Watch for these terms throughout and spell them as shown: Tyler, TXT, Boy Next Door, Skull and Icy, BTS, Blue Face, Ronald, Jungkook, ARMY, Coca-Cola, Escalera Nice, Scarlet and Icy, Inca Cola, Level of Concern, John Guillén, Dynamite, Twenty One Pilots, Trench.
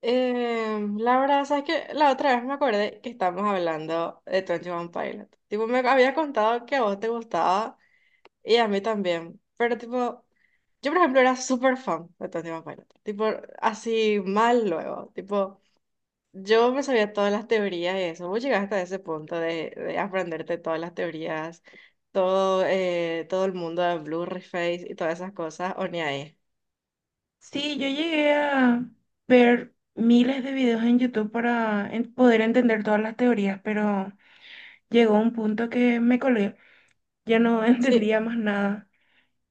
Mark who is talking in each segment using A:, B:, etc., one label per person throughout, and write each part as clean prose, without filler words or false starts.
A: La verdad, sabes que la otra vez me acordé que estábamos hablando de Twenty One Pilot. Tipo, me había contado que a vos te gustaba y a mí también. Pero tipo, yo por ejemplo era súper fan de Twenty One Pilot. Tipo, así mal luego. Tipo, yo me sabía todas las teorías y eso. Vos llegaste hasta ese punto de aprenderte todas las teorías, todo, todo el mundo de Blue Face y todas esas cosas, o ni ahí.
B: Sí, yo llegué a ver miles de videos en YouTube para poder entender todas las teorías, pero llegó un punto que me colé, ya no
A: Sí.
B: entendía más nada.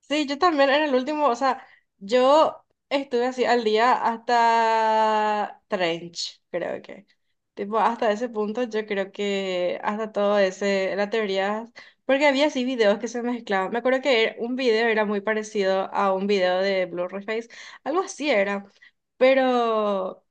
A: Sí, yo también en el último, o sea, yo estuve así al día hasta Trench, creo que. Tipo, hasta ese punto yo creo que hasta todo ese, la teoría, porque había así videos que se mezclaban. Me acuerdo que un video era muy parecido a un video de Blue Face, algo así era, pero...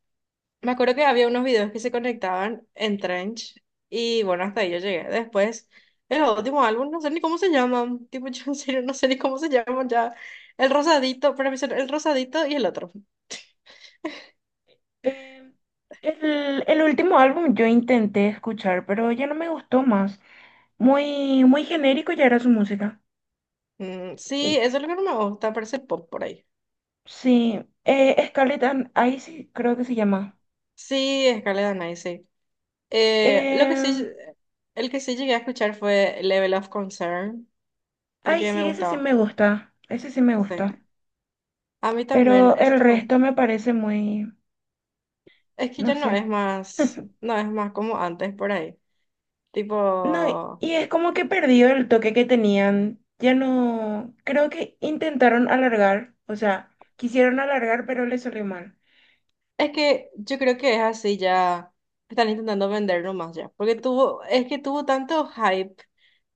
A: Me acuerdo que había unos videos que se conectaban en Trench y bueno, hasta ahí yo llegué. Después, el último álbum, no sé ni cómo se llaman. Tipo, yo en serio no sé ni cómo se llaman ya. El rosadito, para mí son el rosadito y el otro.
B: Eh, el último álbum yo intenté escuchar, pero ya no me gustó más. Muy, muy genérico ya era su música.
A: Mm, sí,
B: Y,
A: eso es lo que no me gusta, parece pop por ahí.
B: sí, Scarlet, and Icy creo que se llama.
A: Sí, Escalera Nice, sí. Lo que
B: Eh,
A: sí, el que sí llegué a escuchar fue Level of Concern,
B: ay,
A: porque
B: sí,
A: me
B: ese sí
A: gustaba.
B: me gusta, ese sí me
A: Sí.
B: gusta,
A: A mí también,
B: pero
A: ese
B: el
A: también.
B: resto me parece muy,
A: Es que
B: no
A: ya no
B: sé.
A: es más, no es más como antes por ahí.
B: No,
A: Tipo,
B: y es como que perdido el toque que tenían. Ya no, creo que intentaron alargar, o sea, quisieron alargar, pero les salió mal.
A: es que yo creo que es así ya. Están intentando venderlo más ya. Porque tuvo, es que tuvo tanto hype,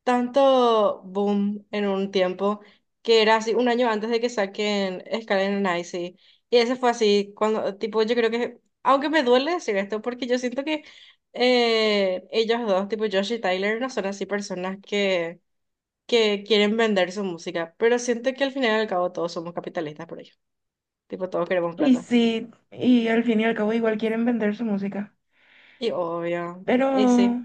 A: tanto boom en un tiempo, que era así un año antes de que saquen Skull and Icy. Y ese fue así, cuando, tipo, yo creo que, aunque me duele decir esto, porque yo siento que ellos dos, tipo Josh y Tyler, no son así personas que quieren vender su música. Pero siento que al final y al cabo todos somos capitalistas por ello. Tipo, todos queremos
B: Y
A: plata.
B: sí, y al fin y al cabo igual quieren vender su música.
A: Y obvio,
B: Pero
A: y sí,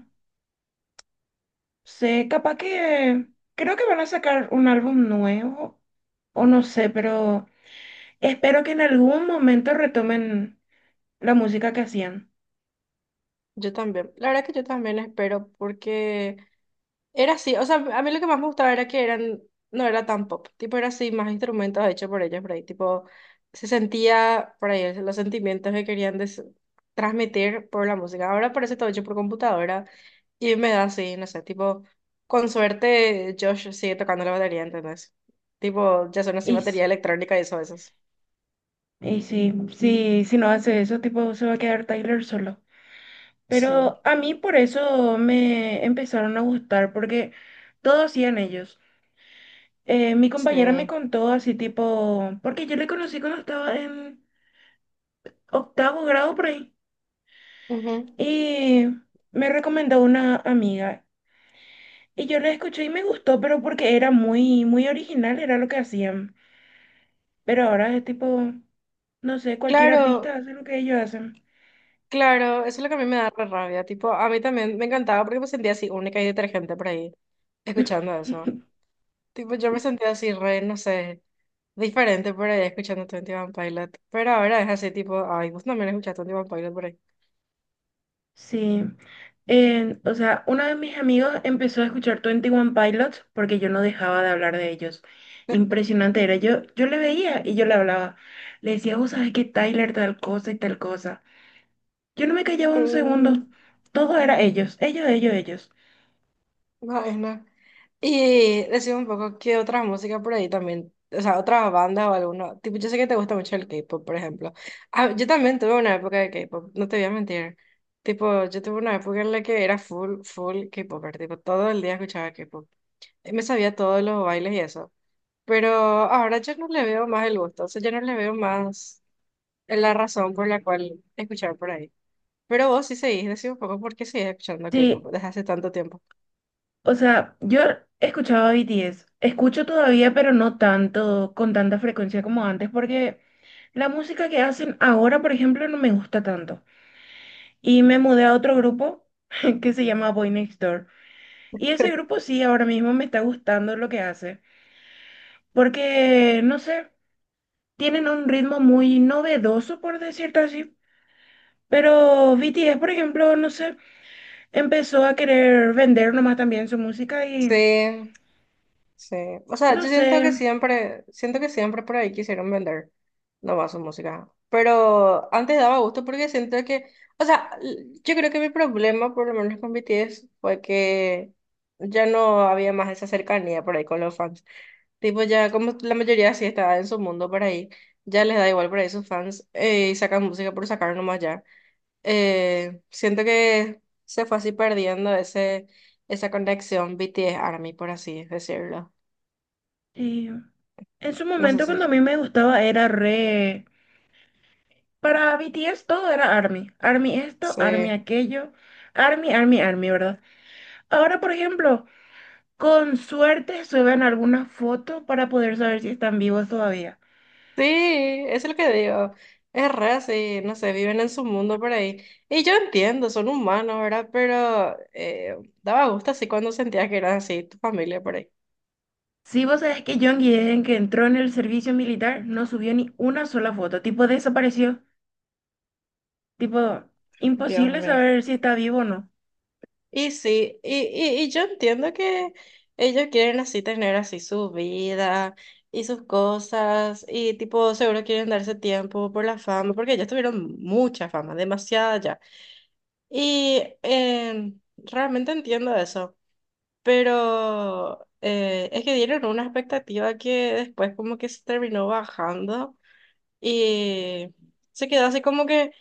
B: sé, capaz que creo que van a sacar un álbum nuevo, o no sé, pero espero que en algún momento retomen la música que hacían.
A: yo también. La verdad que yo también espero porque era así, o sea, a mí lo que más me gustaba era que eran, no era tan pop, tipo era así, más instrumentos hechos por ellos por ahí, tipo se sentía por ahí los sentimientos que querían transmitir por la música. Ahora parece todo hecho por computadora y me da así, no sé, tipo, con suerte Josh sigue tocando la batería, ¿entendés? Tipo, ya son así
B: Y,
A: batería
B: s-
A: electrónica y eso, a veces.
B: y sí, sí, si no hace eso, tipo, se va a quedar Tyler solo.
A: Sí,
B: Pero a mí por eso me empezaron a gustar, porque todo hacían ellos. Mi compañera me
A: sí.
B: contó así tipo, porque yo le conocí cuando estaba en octavo grado por ahí,
A: Ujú.
B: y me recomendó una amiga. Y yo la escuché y me gustó, pero porque era muy, muy original, era lo que hacían. Pero ahora es tipo, no sé, cualquier artista
A: Claro.
B: hace lo que ellos hacen.
A: Claro, eso es lo que a mí me da re rabia. Tipo, a mí también me encantaba porque me sentía así única y detergente por ahí, escuchando eso. Tipo, yo me sentía así re, no sé, diferente por ahí escuchando Twenty One Pilot. Pero ahora es así, tipo, ay, vos también escuchaste Twenty One Pilot por ahí.
B: Sí, o sea, uno de mis amigos empezó a escuchar Twenty One Pilots porque yo no dejaba de hablar de ellos. Impresionante era, yo le veía y yo le hablaba. Le decía, vos sabés que Tyler tal cosa y tal cosa. Yo no me callaba un segundo,
A: Mm,
B: todo era ellos, ellos, ellos, ellos.
A: no, es no. Y decime un poco qué otra música por ahí también, o sea, otra banda o alguno. Tipo, yo sé que te gusta mucho el K-pop, por ejemplo. Ah, yo también tuve una época de K-pop, no te voy a mentir. Tipo, yo tuve una época en la que era full, full K-popper, tipo, todo el día escuchaba K-pop. Y me sabía todos los bailes y eso. Pero ahora yo no le veo más el gusto, o sea, yo no le veo más la razón por la cual escuchar por ahí. Pero vos sí seguís, decime un poco por qué seguís escuchando K-pop
B: Sí,
A: desde hace tanto tiempo.
B: o sea, yo escuchaba BTS, escucho todavía, pero no tanto, con tanta frecuencia como antes, porque la música que hacen ahora, por ejemplo, no me gusta tanto. Y me mudé a otro grupo que se llama Boy Next Door. Y ese grupo sí, ahora mismo me está gustando lo que hace. Porque, no sé, tienen un ritmo muy novedoso, por decirlo así. Pero BTS, por ejemplo, no sé, empezó a querer vender nomás también su música y,
A: Sí. Sí, o sea, yo
B: no sé,
A: siento que siempre por ahí quisieron vender nomás su música, pero antes daba gusto porque siento que, o sea, yo creo que mi problema, por lo menos con BTS, fue que ya no había más esa cercanía por ahí con los fans. Tipo, ya como la mayoría sí estaba en su mundo por ahí, ya les da igual por ahí sus fans, y sacan música por sacar nomás ya. Siento que se fue así perdiendo ese, esa conexión BTS-ARMY, por así decirlo.
B: y en su
A: No sé
B: momento
A: si.
B: cuando a mí me gustaba era re... Para BTS todo era ARMY. ARMY esto, ARMY
A: Sí.
B: aquello. ARMY, ARMY, ARMY, ¿verdad? Ahora, por ejemplo... Con suerte suben algunas fotos para poder saber si están vivos todavía.
A: Sí, eso es lo que digo. Es re así, no sé, viven en su mundo por ahí. Y yo entiendo, son humanos, ¿verdad? Pero daba gusto así cuando sentías que eran así, tu familia por ahí.
B: ¿Si vos sabés que John Guillén, que entró en el servicio militar, no subió ni una sola foto? Tipo, desapareció. Tipo,
A: Dios
B: imposible
A: mío.
B: saber si está vivo o no.
A: Y sí, y yo entiendo que ellos quieren así tener así su vida y sus cosas y tipo seguro quieren darse tiempo por la fama porque ellos tuvieron mucha fama, demasiada ya. Y realmente entiendo eso, pero es que dieron una expectativa que después como que se terminó bajando y se quedó así como que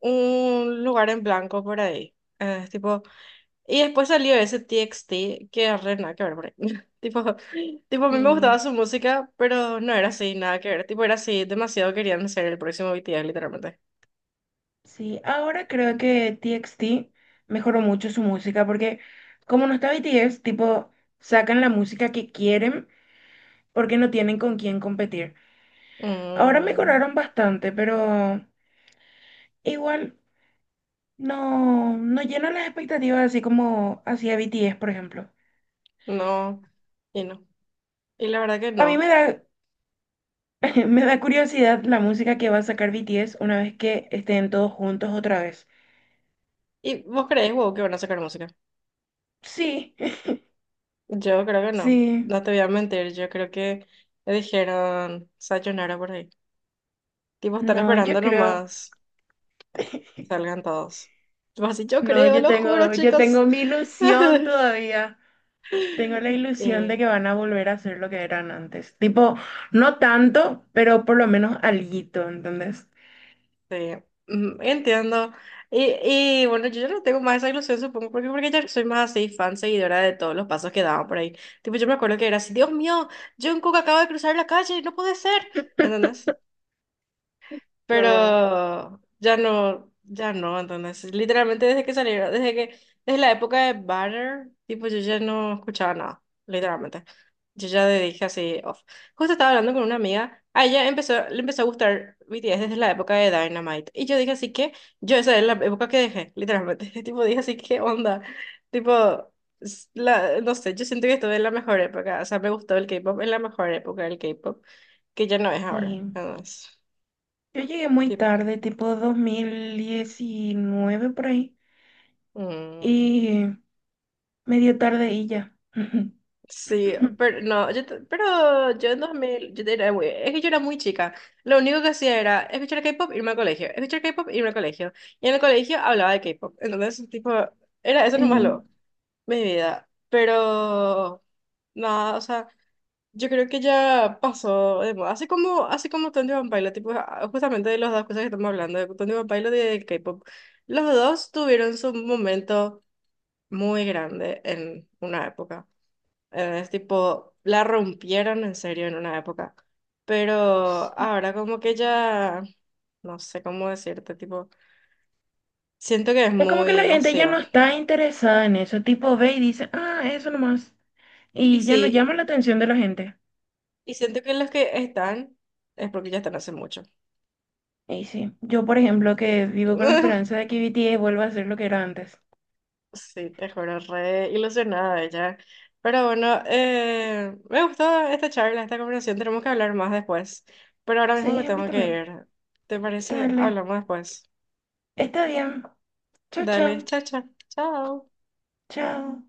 A: un lugar en blanco por ahí. Tipo, y después salió ese TXT que es re nada que ver por ahí. Tipo, tipo, a mí me
B: Sí,
A: gustaba su música, pero no era así, nada que ver. Tipo, era así, demasiado querían ser el próximo BTS, literalmente.
B: sí. Ahora creo que TXT mejoró mucho su música porque como no está BTS, tipo, sacan la música que quieren porque no tienen con quién competir. Ahora
A: Mm,
B: mejoraron bastante, pero igual. No, no llena las expectativas así como hacía B T S por ejemplo.
A: no, y no. Y la verdad que
B: A mí
A: no.
B: me da, me da curiosidad la música que va a sacar B T S una vez que estén todos juntos otra vez.
A: ¿Y vos creés, wow, que van a sacar música?
B: Sí,
A: Yo creo que no,
B: sí.
A: no te voy a mentir, yo creo que le dijeron sayonara por ahí. Tipo, están
B: No, yo
A: esperando
B: creo.
A: nomás salgan todos. Tipo así, yo
B: No,
A: creo,
B: yo
A: lo juro,
B: tengo, yo
A: chicos.
B: tengo mi ilusión todavía. Tengo la ilusión de
A: Y,
B: que van a volver a ser lo que eran antes. Tipo, no tanto, pero por lo menos alguito, ¿entendés?
A: sí, mm, entiendo. Y bueno, yo ya no tengo más esa ilusión, supongo, porque ya soy más así fan, seguidora de todos los pasos que daban por ahí. Tipo, yo me acuerdo que era así, Dios mío, Jungkook acaba de cruzar la calle, no puede ser. ¿Entendés? Pero
B: Yo,
A: ya no, ya no, entonces, literalmente desde que salieron, desde que, desde la época de Banner, tipo, yo ya no escuchaba nada, literalmente. Yo ya le dije así, off. Justo estaba hablando con una amiga, a ella empezó, le empezó a gustar BTS desde la época de Dynamite, y yo dije así que, yo esa es la época que dejé, literalmente, tipo, dije así, ¿qué onda? Tipo, la, no sé, yo siento que estuve en la mejor época, o sea, me gustó el K-pop en la mejor época del K-pop, que ya no es ahora,
B: sí.
A: entonces,
B: Yo llegué muy tarde, tipo 2019 por ahí,
A: mm,
B: y medio tarde y ya.
A: sí, pero no, yo, pero yo en 2000 yo era muy, es que yo era muy chica. Lo único que hacía era escuchar K-pop, irme al colegio, escuchar K-pop, irme al colegio. Y en el colegio hablaba de K-pop. Entonces, tipo, era eso nomás
B: Sí,
A: lo, mi vida. Pero, nada, o sea, yo creo que ya pasó de moda. Así como Twenty One Pilot, tipo, ah, justamente de las dos cosas que estamos hablando, de Twenty One Pilot y de K-pop. Los dos tuvieron su momento muy grande en una época. Es tipo, la rompieron en serio en una época. Pero
B: sí.
A: ahora como que ya, no sé cómo decirte, tipo, siento que es
B: Es como que la
A: muy
B: gente ya
A: vacío.
B: no está interesada en eso, tipo ve y dice, ah, eso nomás,
A: Y
B: y ya no
A: sí,
B: llama la atención de la gente.
A: y siento que los que están es porque ya están hace mucho.
B: Y sí, yo por ejemplo que vivo con la esperanza de que BTS vuelva a ser lo que era antes.
A: Sí, te juro, re ilusionada ella. Pero bueno, me gustó esta charla, esta conversación. Tenemos que hablar más después. Pero ahora mismo me
B: Sí, a mí
A: tengo que
B: también.
A: ir. ¿Te parece?
B: Dale,
A: Hablamos después.
B: está bien. Chao,
A: Dale,
B: chao,
A: chao, chao. Chao.
B: chao.